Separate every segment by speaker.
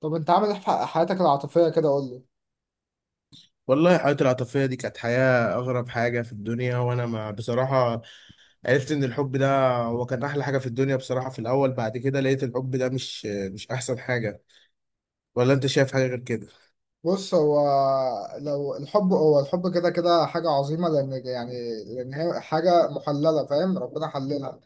Speaker 1: طب انت عامل ايه في حياتك العاطفية كده، قول لي.
Speaker 2: والله الحياة العاطفية دي كانت حياة أغرب حاجة في الدنيا، وأنا ما بصراحة عرفت إن الحب ده هو كان أحلى حاجة في الدنيا بصراحة في الأول. بعد كده لقيت الحب ده مش أحسن حاجة. ولا أنت شايف حاجة غير كده؟
Speaker 1: بص هو، لو الحب هو الحب كده كده حاجة عظيمة، لأن يعني لأن هي حاجة محللة، فاهم؟ ربنا حللها.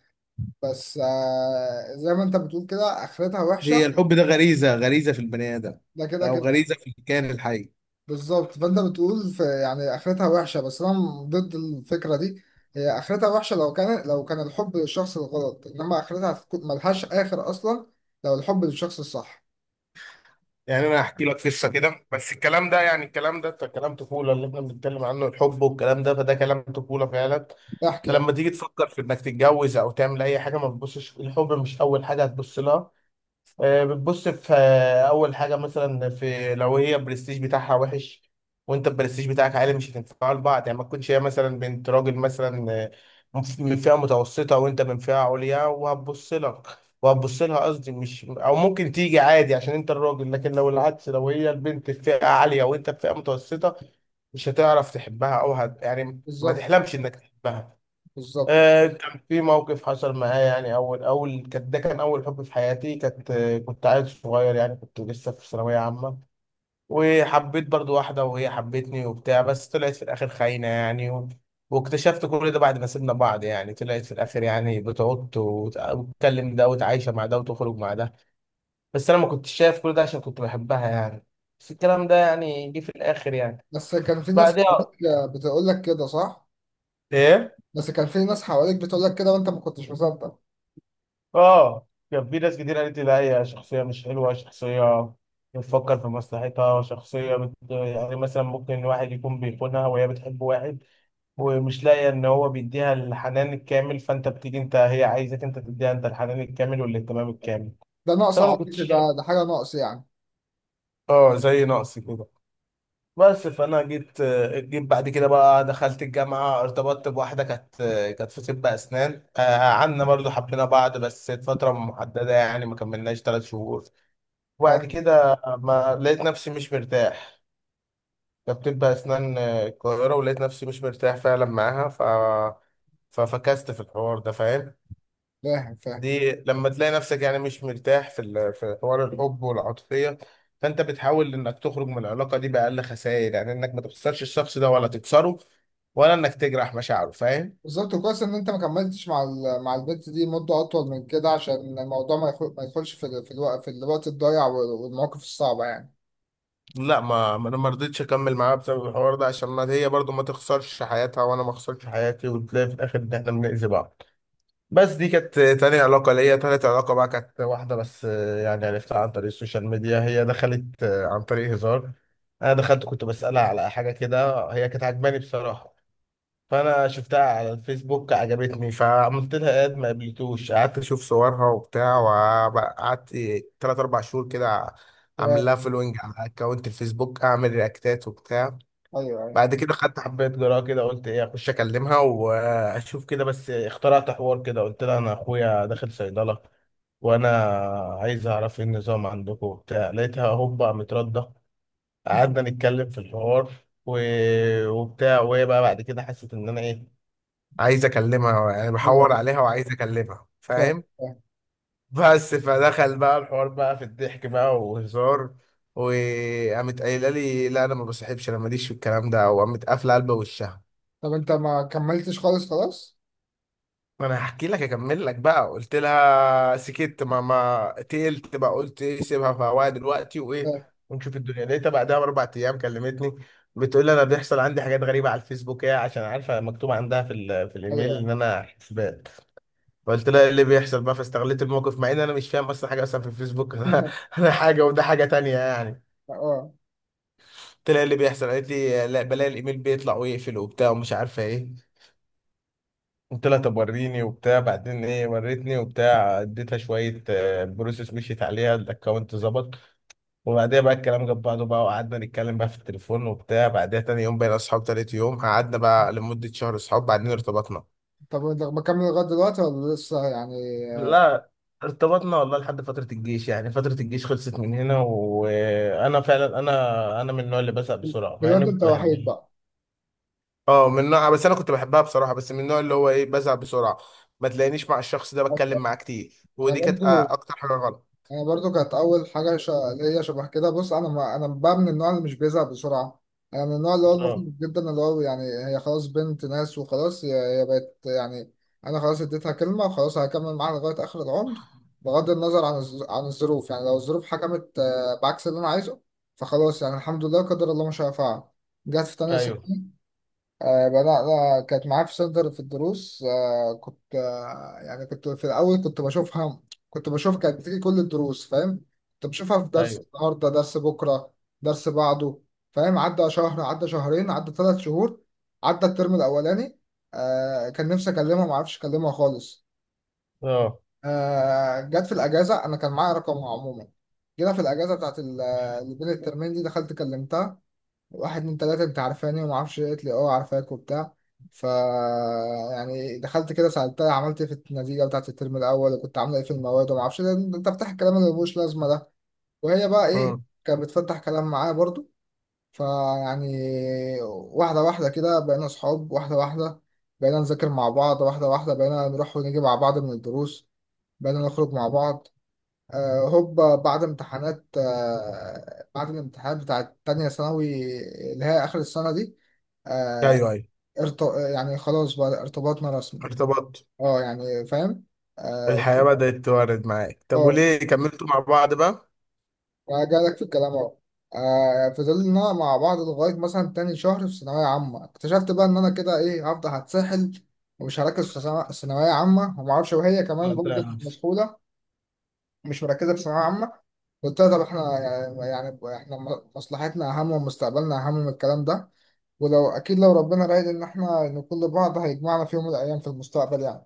Speaker 1: بس زي ما انت بتقول كده آخرتها
Speaker 2: هي
Speaker 1: وحشة.
Speaker 2: الحب ده غريزة غريزة في البني آدم،
Speaker 1: ده كده
Speaker 2: أو
Speaker 1: كده.
Speaker 2: غريزة في الكائن الحي.
Speaker 1: بالظبط، فانت بتقول في يعني آخرتها وحشة، بس أنا ضد الفكرة دي. هي آخرتها وحشة لو كان الحب للشخص الغلط، إنما آخرتها هتكون ملهاش آخر أصلا لو الحب للشخص الصح.
Speaker 2: يعني أنا هحكي لك قصة كده، بس الكلام ده كلام طفولة اللي إحنا بنتكلم عنه. الحب والكلام ده فده كلام طفولة فعلا. انت
Speaker 1: احكي احكي.
Speaker 2: لما تيجي تفكر في انك تتجوز او تعمل اي حاجه، ما تبصش الحب مش اول حاجه هتبص لها. بتبص في اول حاجه مثلا، في لو هي البرستيج بتاعها وحش وانت البرستيج بتاعك عالي مش هتنفعوا لبعض. يعني ما تكونش هي مثلا بنت راجل مثلا من فئه متوسطه وانت من فئه عليا وهتبص لك وهتبص لها قصدي. مش او ممكن تيجي عادي عشان انت الراجل، لكن لو العكس، لو هي البنت في فئه عاليه وانت في فئه متوسطه مش هتعرف تحبها او يعني ما
Speaker 1: بالظبط
Speaker 2: تحلمش انك تحبها.
Speaker 1: بالظبط.
Speaker 2: كان في موقف حصل معايا، يعني أول أول كان ده كان أول حب في حياتي. كانت كنت عيل صغير، يعني كنت لسه في ثانوية عامة. وحبيت برضو واحدة وهي حبتني وبتاع، بس طلعت في الآخر خاينة يعني واكتشفت كل ده بعد ما سيبنا بعض. يعني طلعت في الآخر يعني بتعط وتكلم ده وتعايشة مع ده وتخرج مع ده. بس أنا ما كنتش شايف كل ده عشان كنت بحبها يعني. بس الكلام ده يعني جه في الآخر يعني.
Speaker 1: بس كان في ناس
Speaker 2: بعدها
Speaker 1: حواليك بتقول لك كده، صح؟
Speaker 2: إيه؟
Speaker 1: بس كان في ناس حواليك بتقول لك كده وانت ما كنتش مصدق.
Speaker 2: اه، كان في ناس كتير قالت لي لا هي شخصية مش حلوة، شخصية بتفكر في مصلحتها، شخصية يعني مثلا ممكن واحد يكون بيخونها وهي بتحب واحد ومش لاقية ان هو بيديها الحنان الكامل، فانت بتيجي انت هي عايزك انت تديها انت الحنان الكامل والاهتمام الكامل.
Speaker 1: ده
Speaker 2: بس
Speaker 1: نقص
Speaker 2: انا ما
Speaker 1: عاطفي،
Speaker 2: كنتش شايف.
Speaker 1: ده حاجه نقص يعني.
Speaker 2: اه زي نقص كده. بس فانا جيت، بعد كده بقى دخلت الجامعه، ارتبطت بواحده كانت في طب اسنان. قعدنا برضو حبينا بعض بس فتره محدده يعني ما كملناش ثلاث شهور.
Speaker 1: فاهم،
Speaker 2: وبعد كده ما لقيت نفسي مش مرتاح. كانت بتبقى اسنان القاهره، ولقيت نفسي مش مرتاح فعلا معاها. ففكست في الحوار ده فاهم.
Speaker 1: فاهم، فاهم.
Speaker 2: دي لما تلاقي نفسك يعني مش مرتاح في في حوار الحب والعاطفيه، فانت بتحاول انك تخرج من العلاقه دي باقل خسائر، يعني انك ما تخسرش الشخص ده ولا تكسره ولا انك تجرح مشاعره فاهم.
Speaker 1: بالظبط، كويس ان انت ما كملتش مع مع البنت دي مده اطول من كده، عشان الموضوع ما يدخلش في في الوقت الضايع والمواقف الصعبه يعني.
Speaker 2: لا، ما ما انا ما رضيتش اكمل معاها بسبب الحوار ده، عشان ما هي برضو ما تخسرش حياتها وانا ما اخسرش حياتي وتلاقي في الاخر ان احنا بنأذي بعض. بس دي كانت تاني علاقة ليا. تالت علاقة بقى كانت واحدة بس يعني عرفتها عن طريق السوشيال ميديا. هي دخلت عن طريق هزار. أنا دخلت كنت بسألها على حاجة كده، هي كانت عجباني بصراحة. فأنا شفتها على الفيسبوك، عجبتني، فعملت لها إد ما قبلتوش. قعدت أشوف صورها وبتاع، وقعدت تلات أربع شهور كده أعمل
Speaker 1: يا-
Speaker 2: لها فولوينج على أكونت الفيسبوك، أعمل رياكتات وبتاع.
Speaker 1: ايوه، ايوه،
Speaker 2: بعد كده خدت حبايه جرعه كده قلت ايه اخش اكلمها واشوف كده. بس اخترعت حوار كده، قلت لها انا اخويا داخل صيدله وانا عايز اعرف ايه النظام عندكم وبتاع. لقيتها هوبا متردة، قعدنا نتكلم في الحوار و... وبتاع. وهي بقى بعد كده حست ان انا ايه، عايز اكلمها، يعني
Speaker 1: ايوه.
Speaker 2: بحور عليها وعايز اكلمها
Speaker 1: فاهم
Speaker 2: فاهم.
Speaker 1: فاهم.
Speaker 2: بس فدخل بقى الحوار بقى في الضحك بقى وهزار، وقامت قايله لي لا انا ما بصاحبش، انا ماليش في الكلام ده، وقامت قافله قلب وشها.
Speaker 1: طب انت ما كملتش خالص؟ خلاص.
Speaker 2: ما انا هحكي لك اكمل لك بقى. قلت لها سكت ما تقلت بقى. قلت ايه سيبها في هواها دلوقتي وايه
Speaker 1: فاهم.
Speaker 2: ونشوف الدنيا. لقيتها بعدها باربع ايام كلمتني بتقول لي انا بيحصل عندي حاجات غريبه على الفيسبوك، هي عشان عارفه مكتوب عندها في في
Speaker 1: ايوه،
Speaker 2: الايميل
Speaker 1: أيوة.
Speaker 2: ان انا حسبان. فقلت لها ايه اللي بيحصل بقى، فاستغليت الموقف مع ان انا مش فاهم اصلا حاجه اصلا في الفيسبوك انا أنا حاجه وده حاجه تانية يعني.
Speaker 1: اه.
Speaker 2: قلت لها ايه اللي بيحصل، قالت لي لا بلاقي الايميل بيطلع ويقفل وبتاع ومش عارفه ايه. قلت لها طب وريني وبتاع. بعدين ايه، وريتني وبتاع، اديتها شويه بروسيس، مشيت عليها الاكونت ظبط. وبعديها بقى الكلام جاب بعضه بقى وقعدنا نتكلم بقى في التليفون وبتاع. بعدها تاني يوم بقينا اصحاب، تالت يوم قعدنا بقى لمده شهر اصحاب، بعدين ارتبطنا.
Speaker 1: طب انت مكمل لغايه دلوقتي ولا لسه يعني؟
Speaker 2: لا، ارتبطنا والله لحد فترة الجيش. يعني فترة الجيش خلصت من هنا، وأنا فعلا أنا من النوع اللي بزهق بسرعة مع إني
Speaker 1: دلوقتي انت
Speaker 2: كنت
Speaker 1: وحيد
Speaker 2: بحبه.
Speaker 1: بقى.
Speaker 2: اه من نوع. بس انا كنت بحبها بصراحه، بس من النوع اللي هو ايه بزعل بسرعه، ما تلاقينيش مع الشخص ده بتكلم معاه كتير.
Speaker 1: انا
Speaker 2: ودي كانت
Speaker 1: برضو
Speaker 2: اكتر حاجه غلط.
Speaker 1: انا برضو كانت اول حاجه ليا شبه كده. بص انا ما... انا بقى من النوع اللي مش بيزعل بسرعه. انا من النوع اللي هو المخلص
Speaker 2: اه،
Speaker 1: جدا، اللي هو يعني هي خلاص بنت ناس، وخلاص هي بقت يعني. انا خلاص اديتها كلمه، وخلاص هكمل معاها لغايه اخر العمر. بغض النظر عن عن الظروف. يعني لو الظروف حكمت بعكس اللي انا عايزه، فخلاص يعني الحمد لله، قدر الله ما شاء فعل. جت في تانية
Speaker 2: ايوه،
Speaker 1: ثانوي. بدأنا كانت معايا في صدر في الدروس. كنت يعني كنت في الأول كنت بشوفها. كنت بشوف كانت بتيجي كل الدروس، فاهم؟ كنت بشوفها في درس
Speaker 2: ايوه،
Speaker 1: النهاردة، درس بكرة، درس بعده. فاهم؟ عدى شهر، عدى شهرين، عدى ثلاث شهور، عدى الترم الأولاني. كان نفسي أكلمها، معرفش أكلمها خالص.
Speaker 2: اه،
Speaker 1: جت في الأجازة، أنا كان معايا رقمها عموما. جينا في الأجازة بتاعت اللي بين الترمين دي، دخلت كلمتها. واحد من ثلاثة انت عارفاني وما اعرفش ايه، قالت لي اه عارفاك وبتاع. ف يعني دخلت كده سألتها عملت ايه في النتيجة بتاعت الترم الأول، وكنت عاملة ايه في المواد، وما اعرفش ايه، انت تفتح الكلام اللي ملوش لازمة ده. وهي بقى ايه،
Speaker 2: امم
Speaker 1: كانت بتفتح كلام معايا برضو. فيعني واحدة واحدة كده بقينا صحاب، واحدة واحدة بقينا نذاكر مع بعض، واحدة واحدة بقينا نروح ونيجي مع بعض من الدروس، بقينا نخرج مع بعض. هوبا بعد امتحانات، بعد الامتحانات بتاعت تانية ثانوي اللي هي آخر السنة دي. آه،
Speaker 2: ايوه، ايوه،
Speaker 1: ارت... يعني خلاص بقى ارتباطنا رسمي.
Speaker 2: ارتبطت.
Speaker 1: اه يعني، فاهم. اه.
Speaker 2: الحياه بدات توارد معاك. طب
Speaker 1: آه،
Speaker 2: وليه كملتوا مع بعض بقى؟
Speaker 1: جالك في الكلام اهو. فضلنا مع بعض لغاية مثلا تاني شهر في ثانوية عامة، اكتشفت بقى إن أنا كده إيه، هفضل هتسحل ومش هركز في ثانوية عامة ومعرفش، وهي كمان برضه
Speaker 2: ده
Speaker 1: كانت مسحولة، مش مركزة في ثانوية عامة. بالتالي طب احنا يعني احنا مصلحتنا اهم ومستقبلنا اهم من الكلام ده. ولو اكيد لو ربنا رايد ان احنا نكون لبعض، هيجمعنا في يوم من الايام في المستقبل يعني.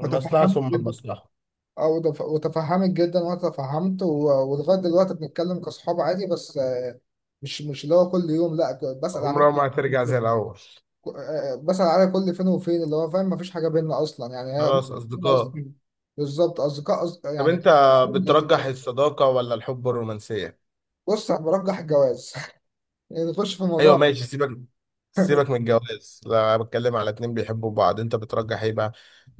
Speaker 2: المصلحة
Speaker 1: وتفهمت
Speaker 2: ثم
Speaker 1: جدا.
Speaker 2: المصلحة.
Speaker 1: وتفهمت جدا، وانا تفهمت ولغايه دلوقتي بنتكلم كاصحاب عادي، بس مش اللي هو كل يوم، لا بسال
Speaker 2: عمرها ما
Speaker 1: عليك.
Speaker 2: هترجع زي الاول.
Speaker 1: بسال عليك كل فين وفين اللي هو، فاهم؟ مفيش حاجه بيننا اصلا، يعني هي
Speaker 2: خلاص
Speaker 1: ممكن تكون
Speaker 2: أصدقاء.
Speaker 1: اصلا بالظبط اصدقاء، أصدقاء
Speaker 2: طب
Speaker 1: يعني.
Speaker 2: انت بترجح الصداقه ولا الحب الرومانسيه؟
Speaker 1: بص أنا برجح الجواز. نخش في
Speaker 2: ايوه
Speaker 1: الموضوع.
Speaker 2: ماشي. سيبك، سيبك من الجواز. لا، أنا بتكلم على اتنين بيحبوا بعض، انت بترجح ايه بقى؟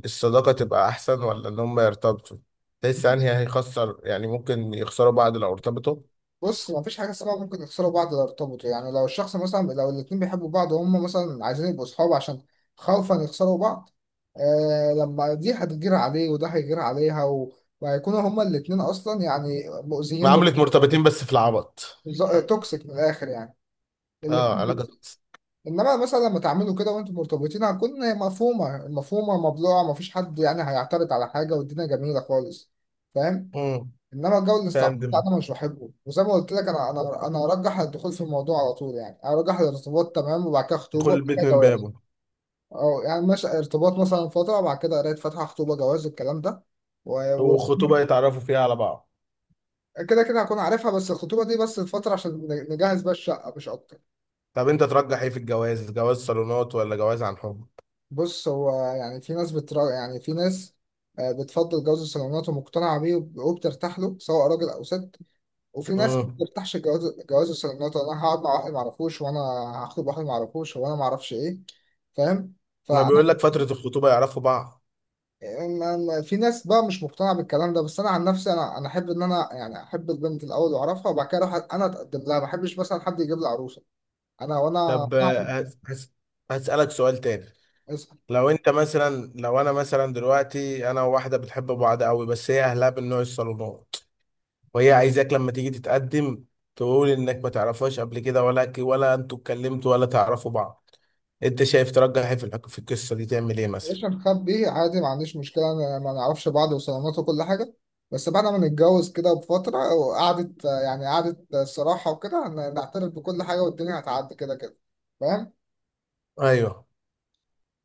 Speaker 2: الصداقة تبقى احسن ولا ان هم يرتبطوا؟ تحس انهي هيخسر، يعني ممكن يخسروا بعض لو ارتبطوا؟
Speaker 1: بص، ما فيش حاجه اسمها ممكن يخسروا بعض لو ارتبطوا، يعني لو الشخص مثلا، لو الاتنين بيحبوا بعض وهم مثلا عايزين يبقوا صحاب عشان خوفا يخسروا بعض، آه، لما دي هتجير عليه وده هيجير عليها وهيكونوا هما الاتنين اصلا يعني مؤذيين
Speaker 2: معاملة مرتبطين بس في العبط.
Speaker 1: ز- توكسيك من الاخر يعني،
Speaker 2: اه
Speaker 1: الاتنين دول.
Speaker 2: علاقة.
Speaker 1: انما مثلا لما تعملوا كده وانتوا مرتبطين هتكون مفهومه مفهومه مبلوعه، مفيش حد يعني هيعترض على حاجه، والدنيا جميله خالص، فاهم؟
Speaker 2: امم
Speaker 1: انما الجو
Speaker 2: فاهم.
Speaker 1: الاستعباط ده
Speaker 2: دماغي
Speaker 1: انا مش بحبه، وزي ما قلت لك انا انا ارجح الدخول في الموضوع على طول، يعني ارجح الارتباط، تمام، وبعد كده
Speaker 2: يدخل
Speaker 1: خطوبه، وبعد
Speaker 2: البيت
Speaker 1: كده
Speaker 2: من
Speaker 1: جواز.
Speaker 2: بابه.
Speaker 1: او يعني ماشي ارتباط مثلا فتره، وبعد كده قرايه فاتحه، خطوبه، جواز الكلام ده و-
Speaker 2: وخطوبة
Speaker 1: وربنا-
Speaker 2: يتعرفوا فيها على بعض.
Speaker 1: كده كده هكون عارفها، بس الخطوبه دي بس الفتره عشان نجهز بقى الشقه مش اكتر.
Speaker 2: طب انت ترجح ايه في الجواز، جواز صالونات ولا جواز عن حب؟
Speaker 1: بص هو يعني في ناس بترا، يعني في ناس بتفضل جواز الصالونات ومقتنعه بيه وبترتاح له، سواء راجل او ست. وفي ناس ما
Speaker 2: امم
Speaker 1: بتفتحش جواز، الصالونات، انا هقعد مع واحد ما اعرفوش، وانا هخطب واحد ما اعرفوش، وانا ما اعرفش ايه، فاهم؟
Speaker 2: ما
Speaker 1: فانا
Speaker 2: بيقول لك فترة الخطوبة يعرفوا بعض.
Speaker 1: في ناس بقى مش مقتنعه بالكلام ده، بس انا عن نفسي، انا احب ان انا يعني احب البنت الاول واعرفها، وبعد كده اروح انا اتقدم لها، ما احبش مثلا حد يجيب لي عروسه، انا
Speaker 2: طب هسألك سؤال تاني.
Speaker 1: اسال.
Speaker 2: لو انت مثلا، لو انا مثلا دلوقتي انا وواحده بتحب بعض قوي، بس هي اهلها من نوع الصالونات، وهي عايزاك لما تيجي تتقدم تقول انك ما تعرفهاش قبل كده، ولا ولا انتوا اتكلمتوا ولا تعرفوا بعض. انت شايف ترجح ايه في في القصه دي، تعمل ايه مثلا؟
Speaker 1: مش نخبي عادي، ما عنديش مشكله، أنا ما نعرفش بعض وصالونات وكل حاجه، بس بعد ما نتجوز كده بفتره، وقعدت يعني قعدت الصراحه وكده، نعترف بكل حاجه، والدنيا هتعدي كده كده، فاهم؟
Speaker 2: ايوه.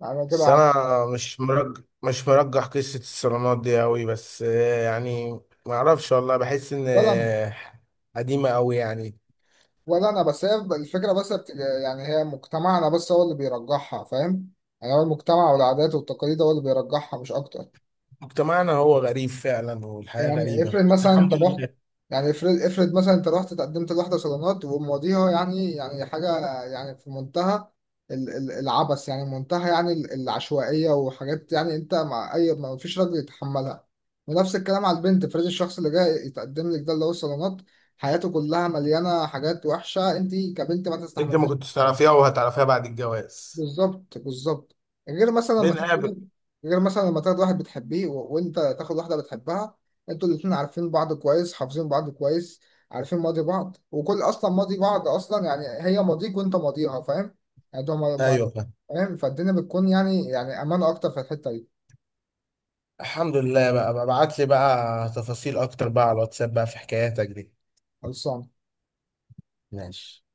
Speaker 1: انا كده
Speaker 2: بس
Speaker 1: عب-
Speaker 2: انا مش مرجح، مش مرجح قصه الصالونات دي قوي، بس يعني ما اعرفش والله. بحس ان
Speaker 1: ولا انا.
Speaker 2: قديمه قوي يعني.
Speaker 1: ولا انا، بس هي الفكره يعني هي مجتمعنا بس هو اللي بيرجحها، فاهم؟ يعني هو المجتمع والعادات والتقاليد هو اللي بيرجحها مش اكتر.
Speaker 2: مجتمعنا هو غريب فعلا والحياه
Speaker 1: يعني
Speaker 2: غريبه،
Speaker 1: افرض
Speaker 2: بس
Speaker 1: مثلا انت
Speaker 2: الحمد
Speaker 1: رحت،
Speaker 2: لله.
Speaker 1: يعني افرض مثلا انت رحت تقدمت لواحدة صالونات، ومواضيعها يعني حاجة، يعني في منتهى العبث، يعني منتهى يعني العشوائية وحاجات، يعني انت مع اي ما فيش راجل يتحملها. ونفس الكلام على البنت، افرض الشخص اللي جاي يتقدم لك ده اللي هو الصالونات، حياته كلها مليانة حاجات وحشة، انت كبنت ما
Speaker 2: انت ما
Speaker 1: تستحملهاش.
Speaker 2: كنتش تعرفيها وهتعرفيها بعد الجواز.
Speaker 1: بالظبط بالظبط. غير مثلا لما تاخد
Speaker 2: بنقابل.
Speaker 1: واحد- غير مثلا لما تاخد واحد بتحبيه وانت تاخد واحده بتحبها، انتوا الاتنين عارفين بعض كويس، حافظين بعض كويس، عارفين ماضي بعض، وكل اصلا ماضي بعض، اصلا يعني هي ماضيك وانت ماضيها، فاهم؟ يعني ده ما... ما...
Speaker 2: ايوه فاهم.
Speaker 1: فاهم، فالدنيا بتكون يعني امان اكتر في الحته دي.
Speaker 2: الحمد لله بقى، ببعت لي بقى تفاصيل اكتر بقى على الواتساب بقى في حكاياتك دي.
Speaker 1: خلصان.
Speaker 2: ماشي.